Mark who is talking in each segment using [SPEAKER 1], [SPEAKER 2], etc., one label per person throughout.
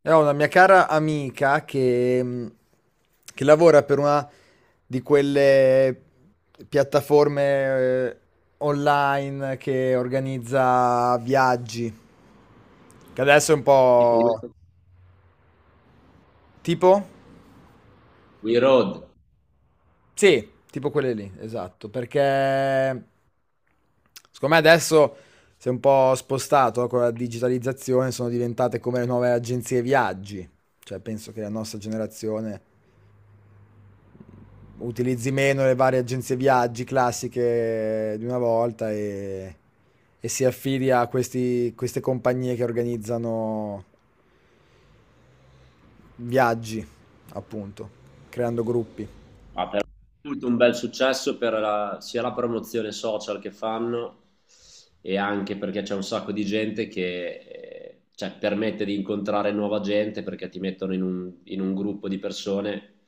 [SPEAKER 1] È una mia cara amica che lavora per una di quelle piattaforme eh, online che organizza viaggi, che adesso è un tipo,
[SPEAKER 2] Tipo We,
[SPEAKER 1] po' tipo?
[SPEAKER 2] We Road,
[SPEAKER 1] Sì, tipo quelle lì, esatto, perché secondo me adesso si è un po' spostato, no, con la digitalizzazione. Sono diventate come le nuove agenzie viaggi, cioè penso che la nostra generazione utilizzi meno le varie agenzie viaggi classiche di una volta e si affidi a queste compagnie che organizzano viaggi, appunto, creando gruppi.
[SPEAKER 2] ha però avuto un bel successo per sia la promozione social che fanno, e anche perché c'è un sacco di gente che permette di incontrare nuova gente, perché ti mettono in un gruppo di persone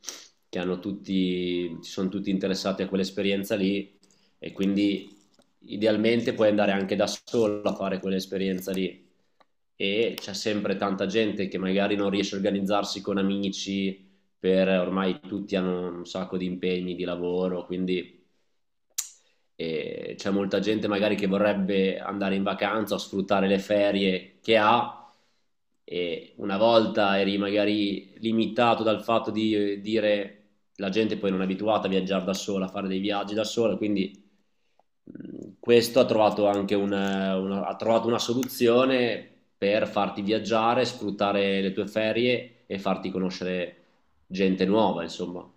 [SPEAKER 2] che sono tutti interessati a quell'esperienza lì, e quindi idealmente puoi andare anche da solo a fare quell'esperienza lì. E c'è sempre tanta gente che magari non riesce a organizzarsi con amici, per ormai tutti hanno un sacco di impegni di lavoro, quindi c'è molta gente magari che vorrebbe andare in vacanza o sfruttare le ferie che ha, e una volta eri magari limitato dal fatto di dire, la gente poi non è abituata a viaggiare da sola, a fare dei viaggi da sola. Quindi, mm, questo ha trovato anche ha trovato una soluzione per farti viaggiare, sfruttare le tue ferie e farti conoscere gente nuova, insomma.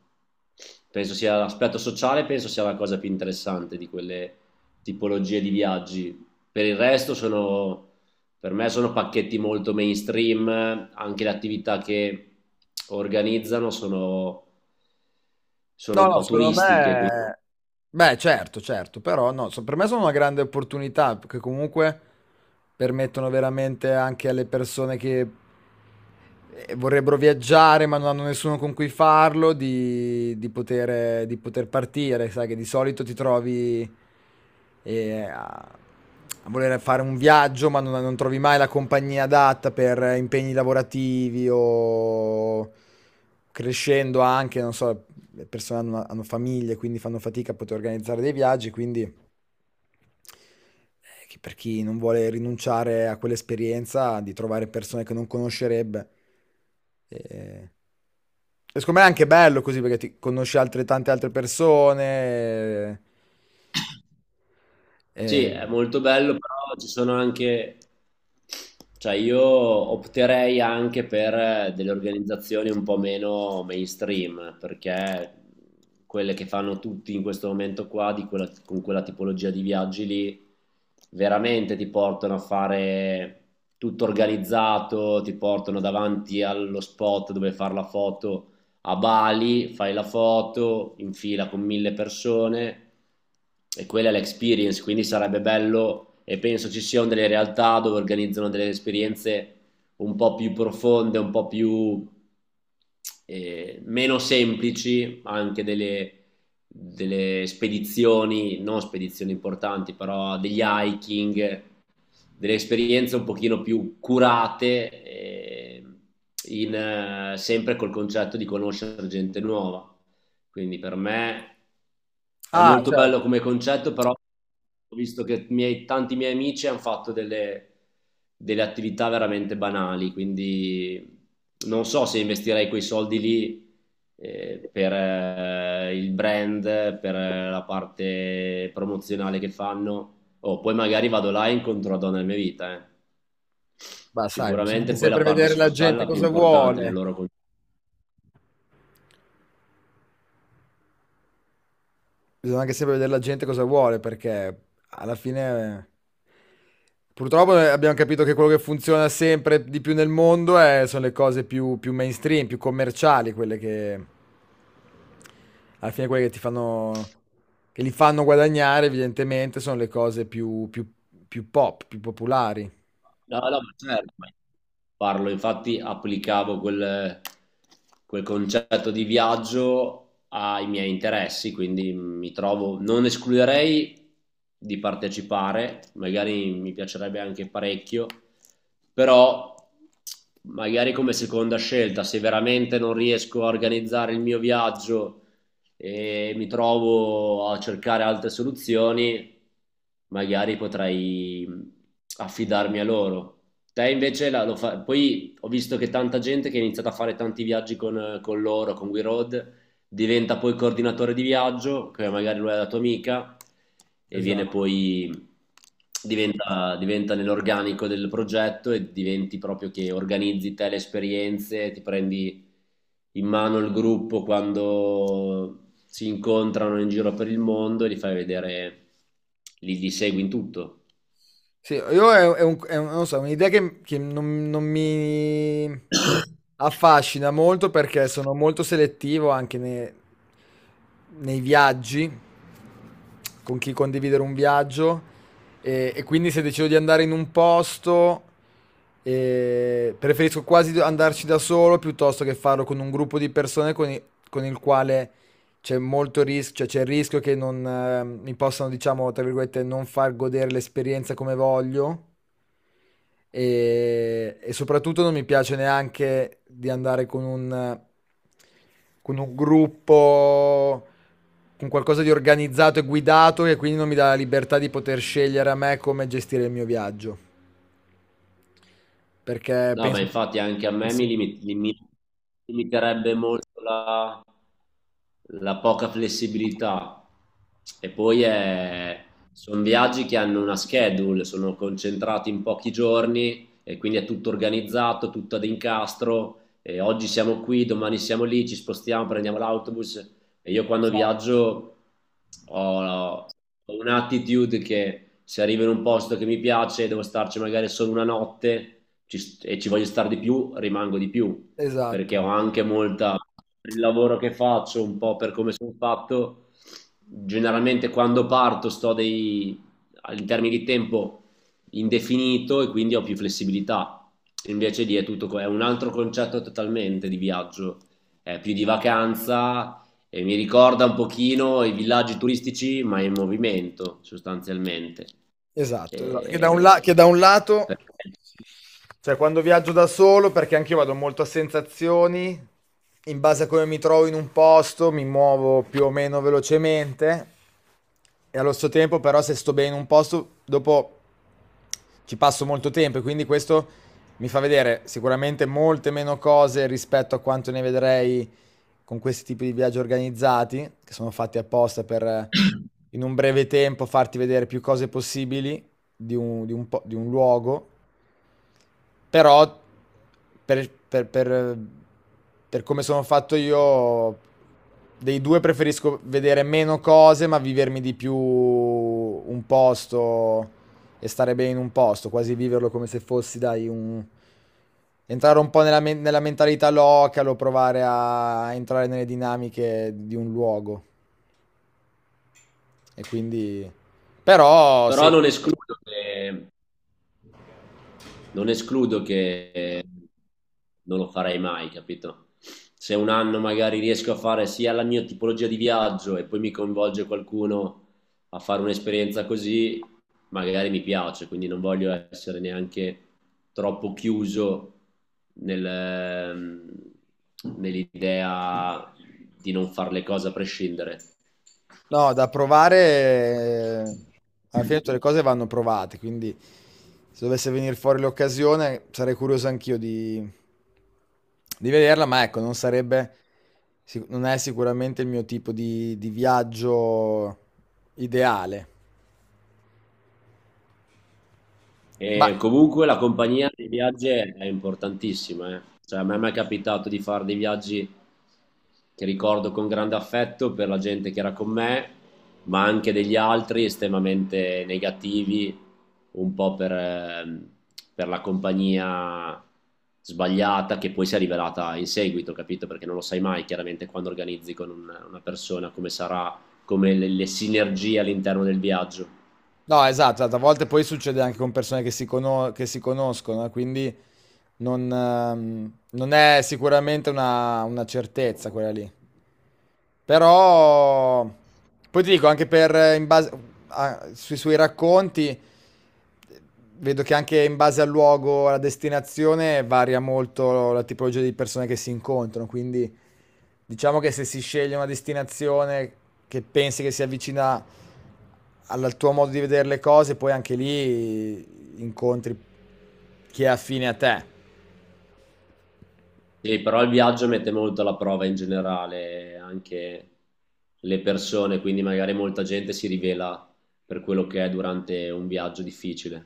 [SPEAKER 2] Penso sia l'aspetto sociale, penso sia la cosa più interessante di quelle tipologie di viaggi. Per il resto per me sono pacchetti molto mainstream, anche le attività che organizzano sono
[SPEAKER 1] No,
[SPEAKER 2] un
[SPEAKER 1] no,
[SPEAKER 2] po'
[SPEAKER 1] secondo
[SPEAKER 2] turistiche, quindi...
[SPEAKER 1] me... Beh, certo, certo, però no, per me sono una grande opportunità, perché comunque permettono veramente anche alle persone che vorrebbero viaggiare ma non hanno nessuno con cui farlo, di poter partire. Sai che di solito ti trovi eh, a, a voler fare un viaggio ma non trovi mai la compagnia adatta per impegni lavorativi o crescendo anche, non so, le persone hanno famiglie, quindi fanno fatica a poter organizzare dei viaggi, quindi che per chi non vuole rinunciare a quell'esperienza di trovare persone che non conoscerebbe. E, e secondo me è anche bello così, perché ti conosci altre, tante altre persone.
[SPEAKER 2] Sì,
[SPEAKER 1] eh, eh,
[SPEAKER 2] è molto bello, però ci sono anche, cioè, io opterei anche per delle organizzazioni un po' meno mainstream, perché quelle che fanno tutti in questo momento qua, di quella- con quella tipologia di viaggi lì, veramente ti portano a fare tutto organizzato, ti portano davanti allo spot dove fare la foto a Bali, fai la foto in fila con 1000 persone e quella è l'experience. Quindi sarebbe bello, e penso ci siano delle realtà dove organizzano delle esperienze un po' più profonde, un po' più meno semplici, anche delle spedizioni, non spedizioni importanti, però degli hiking, delle esperienze un pochino più curate, sempre col concetto di conoscere gente nuova. Quindi per me è
[SPEAKER 1] Ah,
[SPEAKER 2] molto bello
[SPEAKER 1] certo.
[SPEAKER 2] come concetto, però ho visto che tanti miei amici hanno fatto delle attività veramente banali, quindi non so se investirei quei soldi lì per il brand, per la parte promozionale che fanno. Oh, poi magari vado là e incontro la donna della mia vita, eh.
[SPEAKER 1] Beh, sai, bisogna anche
[SPEAKER 2] Sicuramente poi la
[SPEAKER 1] sempre
[SPEAKER 2] parte
[SPEAKER 1] vedere la
[SPEAKER 2] sociale è
[SPEAKER 1] gente
[SPEAKER 2] la più
[SPEAKER 1] cosa
[SPEAKER 2] importante nel
[SPEAKER 1] vuole.
[SPEAKER 2] loro concetto.
[SPEAKER 1] Bisogna anche sempre vedere la gente cosa vuole, perché alla fine, purtroppo, abbiamo capito che quello che funziona sempre di più nel mondo sono le cose più mainstream, più commerciali, quelle che alla fine quelle che ti fanno, che li fanno guadagnare, evidentemente, sono le cose più, più pop, più popolari.
[SPEAKER 2] No, no, ma certo, ma parlo, infatti applicavo quel concetto di viaggio ai miei interessi, quindi mi trovo, non escluderei di partecipare, magari mi piacerebbe anche parecchio, però magari come seconda scelta, se veramente non riesco a organizzare il mio viaggio e mi trovo a cercare altre soluzioni, magari potrei affidarmi a loro. Te invece poi ho visto che tanta gente che ha iniziato a fare tanti viaggi con loro, con WeRoad, diventa poi coordinatore di viaggio, che magari lui è la tua amica, e viene
[SPEAKER 1] Esatto.
[SPEAKER 2] poi, diventa nell'organico del progetto e diventi proprio che organizzi te le esperienze, ti prendi in mano il gruppo quando si incontrano in giro per il mondo e li fai vedere, li segui in tutto.
[SPEAKER 1] Sì, io non lo so, un'idea che non mi affascina molto, perché sono molto selettivo anche nei viaggi, con chi condividere un viaggio, e quindi se decido di andare in un posto, preferisco quasi andarci da solo piuttosto che farlo con un gruppo di persone con il quale c'è molto rischio, cioè c'è il rischio che non, mi possano, diciamo, tra virgolette, non far godere l'esperienza come voglio. E soprattutto non mi piace neanche di andare con un gruppo, con qualcosa di organizzato e guidato, che quindi non mi dà la libertà di poter scegliere a me come gestire il mio viaggio, perché
[SPEAKER 2] No, ma
[SPEAKER 1] penso
[SPEAKER 2] infatti anche a
[SPEAKER 1] che
[SPEAKER 2] me
[SPEAKER 1] sia
[SPEAKER 2] mi limiterebbe molto la poca flessibilità, e poi è... sono viaggi che hanno una schedule, sono concentrati in pochi giorni e quindi è tutto organizzato, tutto ad incastro. E oggi siamo qui, domani siamo lì, ci spostiamo, prendiamo l'autobus. E io quando
[SPEAKER 1] esatto,
[SPEAKER 2] viaggio ho, ho un'attitude che se arrivo in un posto che mi piace, devo starci magari solo una notte e ci voglio stare di più, rimango di più, perché
[SPEAKER 1] esatto,
[SPEAKER 2] ho anche molta, per il lavoro che faccio, un po' per come sono fatto, generalmente quando parto sto dei, in termini di tempo indefinito, e quindi ho più flessibilità. Invece lì è tutto, è un altro concetto totalmente di viaggio, è più di vacanza, e mi ricorda un pochino i villaggi turistici, ma in movimento sostanzialmente.
[SPEAKER 1] esatto, esatto. Che da un
[SPEAKER 2] E-
[SPEAKER 1] lato...
[SPEAKER 2] per-
[SPEAKER 1] Cioè, quando viaggio da solo, perché anche io vado molto a sensazioni, in base a come mi trovo in un posto, mi muovo più o meno velocemente, e allo stesso tempo, però, se sto bene in un posto, dopo ci passo molto tempo, e quindi questo mi fa vedere sicuramente molte meno cose rispetto a quanto ne vedrei con questi tipi di viaggi organizzati, che sono fatti apposta per in un breve tempo farti vedere più cose possibili di di un luogo. Però per, per- per- per come sono fatto io, dei due preferisco vedere meno cose, ma vivermi di più un posto e stare bene in un posto, quasi viverlo come se fossi, dai, un... entrare un po' nella mentalità localo, provare a entrare nelle dinamiche di un luogo. E quindi... Però
[SPEAKER 2] Però
[SPEAKER 1] sì,
[SPEAKER 2] non escludo che non escludo che eh, non lo farei mai, capito? Se un anno magari riesco a fare sia la mia tipologia di viaggio e poi mi coinvolge qualcuno a fare un'esperienza così, magari mi piace, quindi non voglio essere neanche troppo chiuso nel, nell'idea di non fare le cose a prescindere.
[SPEAKER 1] no, da provare, alla fine tutte le cose vanno provate, quindi se dovesse venire fuori l'occasione sarei curioso anch'io di vederla, ma ecco, non è sicuramente il mio tipo di viaggio ideale.
[SPEAKER 2] E
[SPEAKER 1] Ma
[SPEAKER 2] comunque la compagnia dei viaggi è importantissima, eh. Cioè, a me mi è mai capitato di fare dei viaggi che ricordo con grande affetto per la gente che era con me, ma anche degli altri estremamente negativi, un po' per la compagnia sbagliata che poi si è rivelata in seguito, capito? Perché non lo sai mai chiaramente quando organizzi con una persona come sarà, come le sinergie all'interno del viaggio.
[SPEAKER 1] no, esatto, esatto, a volte poi succede anche con persone che che si conoscono, quindi non è sicuramente una certezza quella lì. Però poi ti dico anche per, in base sui suoi racconti vedo che anche in base al luogo, alla destinazione varia molto la tipologia di persone che si incontrano, quindi diciamo che se si sceglie una destinazione che pensi che si avvicina al tuo modo di vedere le cose, poi anche lì incontri chi è affine a te.
[SPEAKER 2] Sì, però il viaggio mette molto alla prova in generale anche le persone, quindi magari molta gente si rivela per quello che è durante un viaggio difficile.